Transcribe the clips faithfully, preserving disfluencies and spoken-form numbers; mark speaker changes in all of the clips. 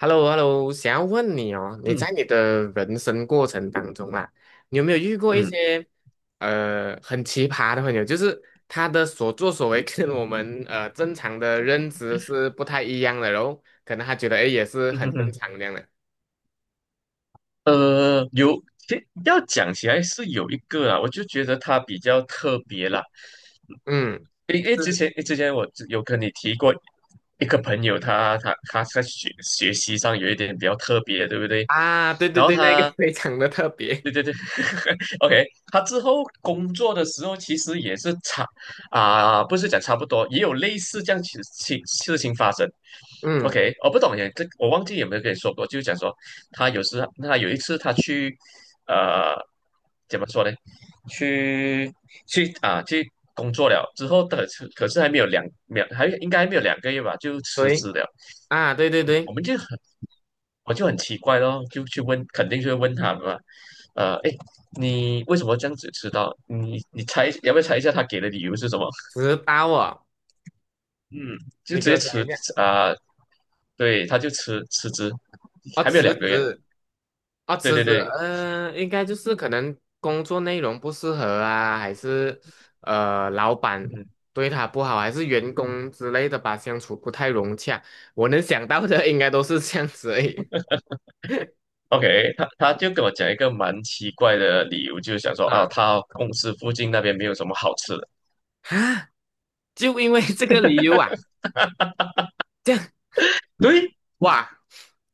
Speaker 1: h e l l o h e l l o 想要问你哦，你
Speaker 2: 嗯
Speaker 1: 在你的人生过程当中啊，你有没有遇过一
Speaker 2: 嗯
Speaker 1: 些呃很奇葩的朋友？就是他的所作所为 跟我们呃正常的认知是不太一样的，然后可能他觉得哎也是
Speaker 2: 嗯哼
Speaker 1: 很正
Speaker 2: 哼，
Speaker 1: 常这样的。
Speaker 2: 呃，有，其要讲起来是有一个啊，我就觉得它比较特别啦。
Speaker 1: 嗯，
Speaker 2: 因为之
Speaker 1: 是
Speaker 2: 前之前我有跟你提过一个朋友他，他他在学学习上有一点比较特别，对不对？
Speaker 1: 啊，对对
Speaker 2: 然后
Speaker 1: 对，那个
Speaker 2: 他，
Speaker 1: 非常的特别。
Speaker 2: 对对对 ，OK,他之后工作的时候其实也是差啊、不是讲差不多，也有类似这样情情事情发生。
Speaker 1: 嗯，
Speaker 2: OK,我不懂耶，这我忘记有没有跟你说过，就是讲说他有时他有一次他去呃怎么说呢？去去啊去工作了之后的可是还没有两两还应该还没有两个月吧，就辞职
Speaker 1: 对
Speaker 2: 了。
Speaker 1: 啊，对对
Speaker 2: 嗯，我
Speaker 1: 对，
Speaker 2: 们就很我就很奇怪咯，就去问，肯定就会问他们嘛。呃，哎，你为什么这样子迟到？你你猜要不要猜一下他给的理由是什么？
Speaker 1: 迟到哦，
Speaker 2: 嗯，就
Speaker 1: 你
Speaker 2: 直
Speaker 1: 给
Speaker 2: 接
Speaker 1: 我讲
Speaker 2: 辞
Speaker 1: 一下
Speaker 2: 啊、对，他就辞辞职，
Speaker 1: 哦，
Speaker 2: 还没有
Speaker 1: 辞
Speaker 2: 两个月。
Speaker 1: 职啊，
Speaker 2: 对
Speaker 1: 辞
Speaker 2: 对
Speaker 1: 职，
Speaker 2: 对，
Speaker 1: 嗯、应该就是可能工作内容不适合啊，还是呃，老板
Speaker 2: 嗯
Speaker 1: 对他不好，还是员工之类的吧，相处不太融洽。我能想到的应该都是这样子而已
Speaker 2: ，OK,他他就跟我讲一个蛮奇怪的理由，就是想说啊，
Speaker 1: 啊
Speaker 2: 他公司附近那边没有什么好吃的。
Speaker 1: 啊，就因为这个理由啊，这样
Speaker 2: 对，
Speaker 1: 哇，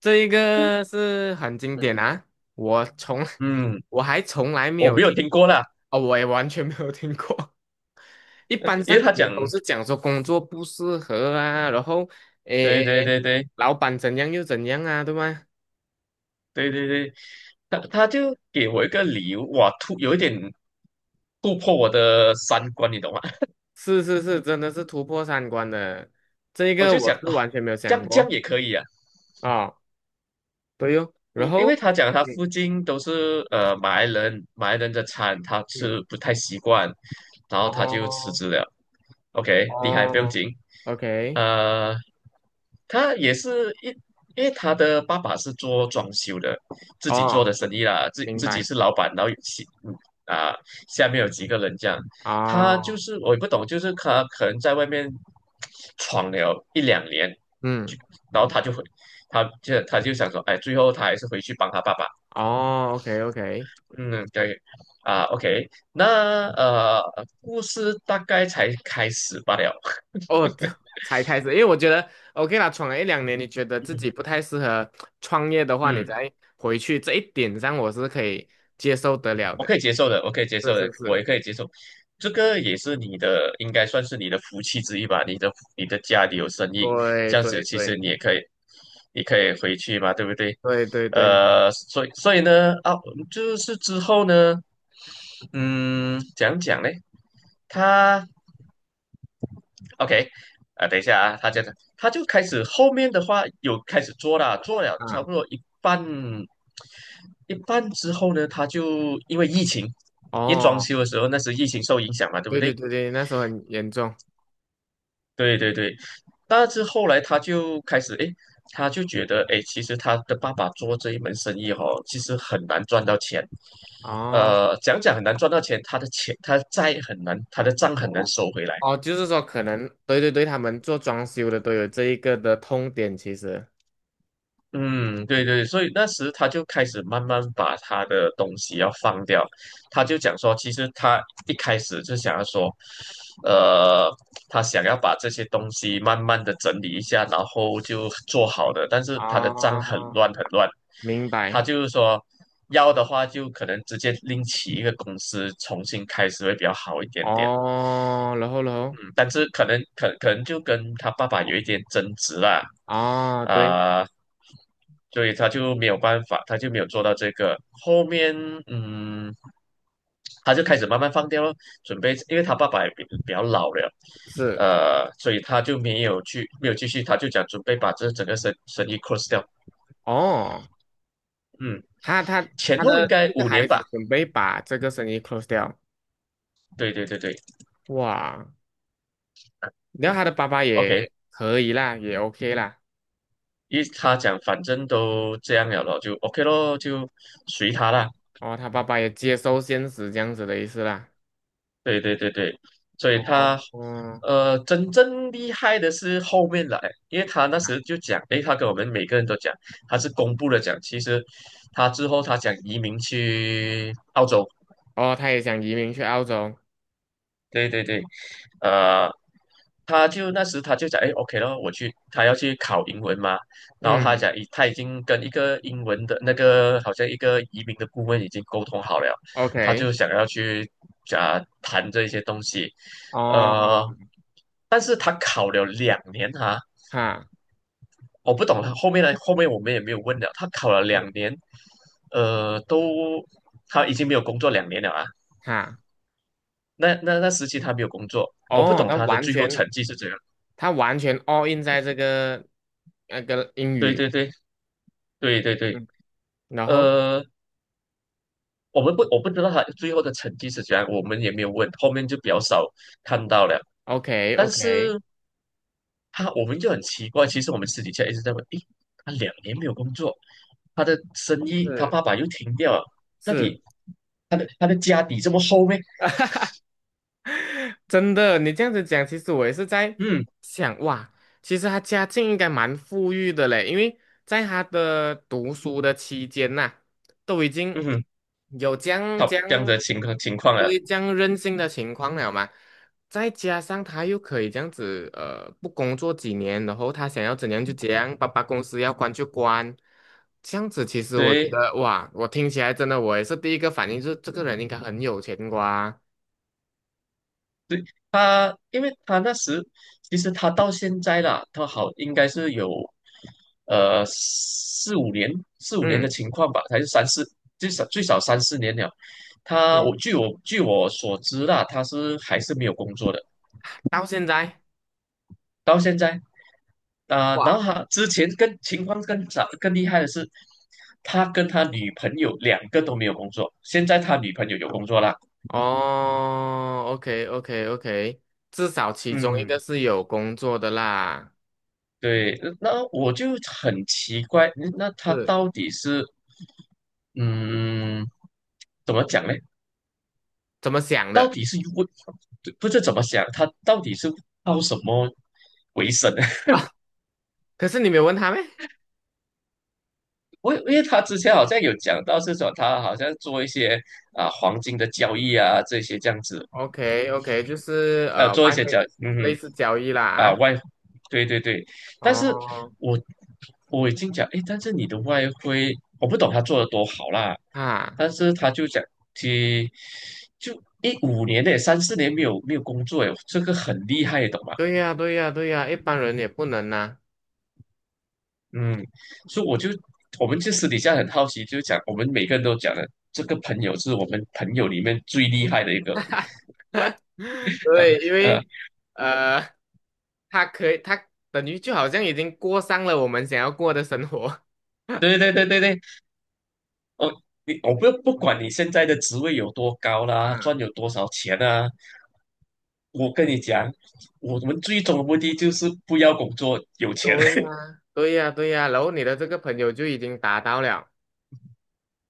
Speaker 1: 这一个是很经典啊，我从
Speaker 2: 嗯，
Speaker 1: 我还从来没
Speaker 2: 我
Speaker 1: 有
Speaker 2: 没有
Speaker 1: 听
Speaker 2: 听
Speaker 1: 过，
Speaker 2: 过啦，
Speaker 1: 哦，我也完全没有听过。一 般
Speaker 2: 因为
Speaker 1: 上可
Speaker 2: 他
Speaker 1: 能
Speaker 2: 讲，
Speaker 1: 都是讲说工作不适合啊，然后诶
Speaker 2: 对对
Speaker 1: 诶，诶
Speaker 2: 对对
Speaker 1: 老板怎样又怎样啊，对吗？
Speaker 2: 对对对，他他就给我一个理由，哇，突有一点突破我的三观，你懂吗？
Speaker 1: 是是是，真的是突破三观的，这一
Speaker 2: 我
Speaker 1: 个
Speaker 2: 就
Speaker 1: 我
Speaker 2: 想
Speaker 1: 是
Speaker 2: 啊，
Speaker 1: 完全没有
Speaker 2: 这
Speaker 1: 想
Speaker 2: 样这样
Speaker 1: 过
Speaker 2: 也可以啊，
Speaker 1: 啊、哦对哟。然
Speaker 2: 嗯，因
Speaker 1: 后
Speaker 2: 为他讲他
Speaker 1: 嗯
Speaker 2: 附近都是呃马来人，马来人的餐他
Speaker 1: 嗯，
Speaker 2: 吃不太习惯，然后他就辞
Speaker 1: 哦
Speaker 2: 职了，OK,厉害，不用
Speaker 1: 哦
Speaker 2: 紧。
Speaker 1: ，OK，
Speaker 2: 呃，他也是一，因为他的爸爸是做装修的，自己做的
Speaker 1: 哦，
Speaker 2: 生意啦，自
Speaker 1: 明
Speaker 2: 自己
Speaker 1: 白，
Speaker 2: 是老板，然后有其嗯啊，下面有几个人这样，他就
Speaker 1: 哦，
Speaker 2: 是我也不懂，就是他可能在外面闯了一两年，就
Speaker 1: 嗯，
Speaker 2: 然后他就回，他就他就想说，哎，最后他还是回去帮他爸爸，
Speaker 1: 哦，OK OK。
Speaker 2: 嗯，对，啊，OK,那呃，故事大概才开始罢了，
Speaker 1: 哦，这才开始，因为我觉得 OK 啦，闯了一两年，你觉得自己 不太适合创业的话，你
Speaker 2: 嗯
Speaker 1: 再回去这一点上，我是可以接受得了
Speaker 2: 我
Speaker 1: 的。
Speaker 2: 可以接受的，我可以接
Speaker 1: 是
Speaker 2: 受的，
Speaker 1: 是
Speaker 2: 我也
Speaker 1: 是，
Speaker 2: 可以接受。这个也是你的，应该算是你的福气之一吧。你的你的家里有生意，
Speaker 1: 对
Speaker 2: 这样子
Speaker 1: 对
Speaker 2: 其实
Speaker 1: 对
Speaker 2: 你也可以，你可以回去嘛，对不对？
Speaker 1: 对对对，没错
Speaker 2: 呃，所以所以呢，啊，就是之后呢，嗯，讲讲嘞，他 OK,啊，等一下啊，他这样，他就开始后面的话有开始做了，做了差
Speaker 1: 啊，
Speaker 2: 不多一半，一半之后呢，他就因为疫情，一装
Speaker 1: 哦，
Speaker 2: 修的时候那时疫情受影响嘛，对不
Speaker 1: 对对
Speaker 2: 对？
Speaker 1: 对对，那时候很严重
Speaker 2: 对对对，但是后来他就开始，诶，他就觉得，诶，其实他的爸爸做这一门生意哦，其实很难赚到钱，
Speaker 1: 哦
Speaker 2: 呃，讲讲很难赚到钱，他的钱他的债很难，他的账很难收回来。
Speaker 1: 哦，就是说可能对对对，他们做装修的都有这一个的痛点，其实
Speaker 2: 嗯，对对，所以那时他就开始慢慢把他的东西要放掉，他就讲说，其实他一开始就想要说，呃，他想要把这些东西慢慢的整理一下，然后就做好的，但是他的账很
Speaker 1: 啊，
Speaker 2: 乱很乱，
Speaker 1: 明白
Speaker 2: 他就是说要的话就可能直接另起一个公司重新开始会比较好一点点。
Speaker 1: 哦，然后然后
Speaker 2: 嗯，但是可能可可能就跟他爸爸有一点争执啦，
Speaker 1: 啊，对，
Speaker 2: 啊、所以他就没有办法，他就没有做到这个。后面，嗯，他就开始慢慢放掉了，准备，因为他爸爸也比比较老了，
Speaker 1: 是
Speaker 2: 呃，所以他就没有去，没有继续，他就讲准备把这整个生生意 close 掉。
Speaker 1: 哦。
Speaker 2: 嗯，
Speaker 1: 他他
Speaker 2: 前
Speaker 1: 他
Speaker 2: 后应
Speaker 1: 的
Speaker 2: 该
Speaker 1: 这个
Speaker 2: 五
Speaker 1: 孩
Speaker 2: 年
Speaker 1: 子
Speaker 2: 吧。
Speaker 1: 准备把这个生意 close 掉，
Speaker 2: 对对对对
Speaker 1: 哇！然后他的爸爸
Speaker 2: ，OK,
Speaker 1: 也可以啦，也 OK 啦，
Speaker 2: 因为他讲反正都这样了咯，就 OK 咯，就随他啦。
Speaker 1: 哦，他爸爸也接受现实这样子的意思啦，
Speaker 2: 对对对对，所以
Speaker 1: 哦，
Speaker 2: 他
Speaker 1: 哦
Speaker 2: 呃真正厉害的是后面来，因为他那时就讲，诶，他跟我们每个人都讲，他是公布了讲，其实他之后他想移民去澳洲。
Speaker 1: 哦，他也想移民去澳洲，
Speaker 2: 对对对，呃，他就那时他就讲，哎，OK 咯，我去，他要去考英文嘛，然后他
Speaker 1: 嗯
Speaker 2: 讲，已他已经跟一个英文的那个好像一个移民的顾问已经沟通好了，他
Speaker 1: ，OK，
Speaker 2: 就想要去讲谈这些东西，呃，
Speaker 1: 哦，
Speaker 2: 但是他考了两年哈、
Speaker 1: 哈
Speaker 2: 我不懂他后面呢，后面我们也没有问了，他考了两年，呃，都他已经没有工作两年了啊，
Speaker 1: 哈，
Speaker 2: 那那那时期他没有工作，我不
Speaker 1: 哦，
Speaker 2: 懂
Speaker 1: 他
Speaker 2: 他的
Speaker 1: 完
Speaker 2: 最后
Speaker 1: 全
Speaker 2: 成绩是怎样。
Speaker 1: 他完全 all in 在这个那个英
Speaker 2: 对
Speaker 1: 语，
Speaker 2: 对对对对对，
Speaker 1: 嗯，然后
Speaker 2: 呃，我们不我不知道他最后的成绩是怎样，我们也没有问，后面就比较少看到了。
Speaker 1: OK
Speaker 2: 但
Speaker 1: OK，
Speaker 2: 是他我们就很奇怪，其实我们私底下一直在问，诶，他两年没有工作，他的生意他
Speaker 1: 是
Speaker 2: 爸爸又停掉了，到
Speaker 1: 是。
Speaker 2: 底他的他的家底这么厚咩？
Speaker 1: 真的，你这样子讲，其实我也是在
Speaker 2: 嗯
Speaker 1: 想，哇，其实他家境应该蛮富裕的嘞，因为在他的读书的期间呐、都已经
Speaker 2: 嗯哼，
Speaker 1: 有这样
Speaker 2: 他
Speaker 1: 这
Speaker 2: 这样
Speaker 1: 样，
Speaker 2: 的情况情况啊，
Speaker 1: 对这样任性的情况了嘛，再加上他又可以这样子，呃，不工作几年，然后他想要怎样就怎样，爸爸公司要关就关，这样子其实我觉
Speaker 2: 对。
Speaker 1: 得，哇，我听起来真的，我也是第一个反应就是这个人应该很有钱瓜，
Speaker 2: 对他，因为他那时其实他到现在啦，他好应该是有呃四五年四五年的
Speaker 1: 嗯。
Speaker 2: 情况吧，还是三四最少最少三四年了。他我
Speaker 1: 嗯
Speaker 2: 据我据我所知啦，他是还是没有工作的，
Speaker 1: 到现在
Speaker 2: 到现在啊、
Speaker 1: 哇，
Speaker 2: 然后他之前更情况更早更厉害的是，他跟他女朋友两个都没有工作，现在他女朋友有工作啦，
Speaker 1: 哦，OK OK OK，至少其中一个
Speaker 2: 嗯。
Speaker 1: 是有工作的啦，
Speaker 2: 对，呃那我就很奇怪，嗯那他
Speaker 1: 是
Speaker 2: 到底是，嗯，怎么讲呢？
Speaker 1: 怎么想
Speaker 2: 到
Speaker 1: 的？
Speaker 2: 底是为，不知怎么想，他到底是靠什么为生呢？
Speaker 1: 啊，可是你没有问他咩
Speaker 2: 我因为他之前好像有讲到是说，他好像做一些啊黄金的交易啊这些这样子，
Speaker 1: ？OK OK，就是
Speaker 2: 呃，
Speaker 1: 呃
Speaker 2: 做一
Speaker 1: 外
Speaker 2: 些
Speaker 1: 汇
Speaker 2: 交易，嗯
Speaker 1: 类
Speaker 2: 哼
Speaker 1: 似交易
Speaker 2: 啊，
Speaker 1: 啦
Speaker 2: 外，对对对，
Speaker 1: 啊，
Speaker 2: 但是
Speaker 1: 哦
Speaker 2: 我我已经讲，诶，但是你的外汇，我不懂他做的多好啦，
Speaker 1: 啊，
Speaker 2: 但是他就讲，其就一五年呢，三四年没有没有工作，诶，这个很厉害，懂吗？
Speaker 1: 对呀对呀对呀，一般人也不能呐、
Speaker 2: 嗯，所以我就我们就私底下很好奇，就讲我们每个人都讲了，这个朋友是我们朋友里面最厉害的一个，
Speaker 1: 对，因
Speaker 2: 呃，
Speaker 1: 为 呃他可以他等于就好像已经过上了我们想要过的生活，
Speaker 2: 对对对对对，我你我不不管你现在的职位有多高啦，
Speaker 1: 嗯
Speaker 2: 赚有多少钱啊。我跟你讲，我们最终的目的就是不要工作，有钱。
Speaker 1: 对呀，对呀，对呀，然后你的这个朋友就已经达到了，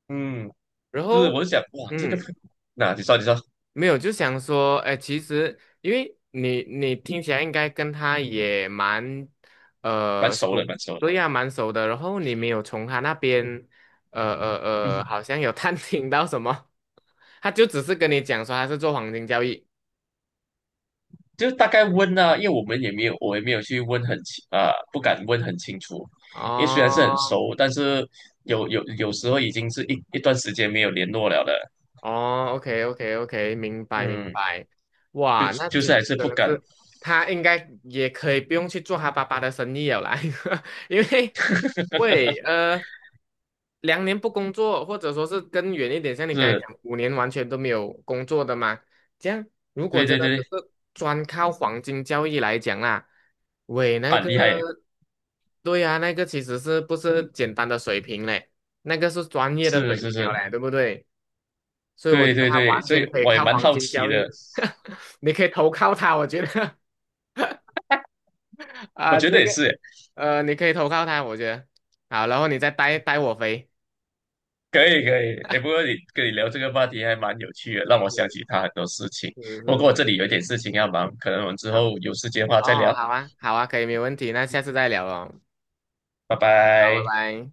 Speaker 2: 嗯，
Speaker 1: 然
Speaker 2: 是，
Speaker 1: 后，
Speaker 2: 我就想，哇，这个，
Speaker 1: 嗯，
Speaker 2: 那你说，你说，
Speaker 1: 没有，就想说，哎，其实因为你你听起来应该跟他也蛮，
Speaker 2: 蛮
Speaker 1: 呃，
Speaker 2: 熟了，
Speaker 1: 熟，
Speaker 2: 蛮熟了。
Speaker 1: 对呀，蛮熟的，然后你没有从他那边，呃呃 呃，
Speaker 2: 嗯，
Speaker 1: 好像有探听到什么，他就只是跟你讲说他是做黄金交易，
Speaker 2: 就大概问啊，因为我们也没有，我也没有去问很清啊、不敢问很清楚，因为虽然是很
Speaker 1: 哦，
Speaker 2: 熟，但是有有有时候已经是一一段时间没有联络了的。
Speaker 1: 哦，OK OK OK，明白明
Speaker 2: 嗯，
Speaker 1: 白。
Speaker 2: 就
Speaker 1: 哇，那
Speaker 2: 就
Speaker 1: 其
Speaker 2: 是
Speaker 1: 实
Speaker 2: 还是
Speaker 1: 真
Speaker 2: 不
Speaker 1: 的
Speaker 2: 敢，
Speaker 1: 是他应该也可以不用去做他爸爸的生意了啦，因为喂呃两年不工作，或者说是更远一点，像你刚才
Speaker 2: 是，
Speaker 1: 讲五年完全都没有工作的嘛，这样如果
Speaker 2: 对
Speaker 1: 真
Speaker 2: 对
Speaker 1: 的只
Speaker 2: 对，
Speaker 1: 是专靠黄金交易来讲啦，喂那
Speaker 2: 蛮
Speaker 1: 个
Speaker 2: 厉害耶，
Speaker 1: 对啊，那个其实是不是简单的水平嘞？那个是专业的水
Speaker 2: 是是
Speaker 1: 平了
Speaker 2: 是，
Speaker 1: 嘞，对不对？所以我
Speaker 2: 对
Speaker 1: 觉得
Speaker 2: 对
Speaker 1: 他
Speaker 2: 对，
Speaker 1: 完
Speaker 2: 所以
Speaker 1: 全可以
Speaker 2: 我也
Speaker 1: 靠
Speaker 2: 蛮
Speaker 1: 黄
Speaker 2: 好
Speaker 1: 金
Speaker 2: 奇
Speaker 1: 交
Speaker 2: 的，
Speaker 1: 易，你可以投靠他。我觉得
Speaker 2: 我
Speaker 1: 啊，
Speaker 2: 觉得
Speaker 1: 这
Speaker 2: 也
Speaker 1: 个
Speaker 2: 是耶
Speaker 1: 呃，你可以投靠他。我觉得好，然后你再带带我飞，
Speaker 2: 可以可以，哎，不过你跟你聊这个话题还蛮有趣的，让我
Speaker 1: 是
Speaker 2: 想起他很多事情。
Speaker 1: 是
Speaker 2: 不
Speaker 1: 是
Speaker 2: 过我这
Speaker 1: 是，
Speaker 2: 里有一点事情要忙，可能我们之
Speaker 1: 好
Speaker 2: 后有时间的话再
Speaker 1: 哦，
Speaker 2: 聊，
Speaker 1: 好啊，好啊，可以，没问题，那下次再聊哦，
Speaker 2: 拜
Speaker 1: 好，拜
Speaker 2: 拜。
Speaker 1: 拜。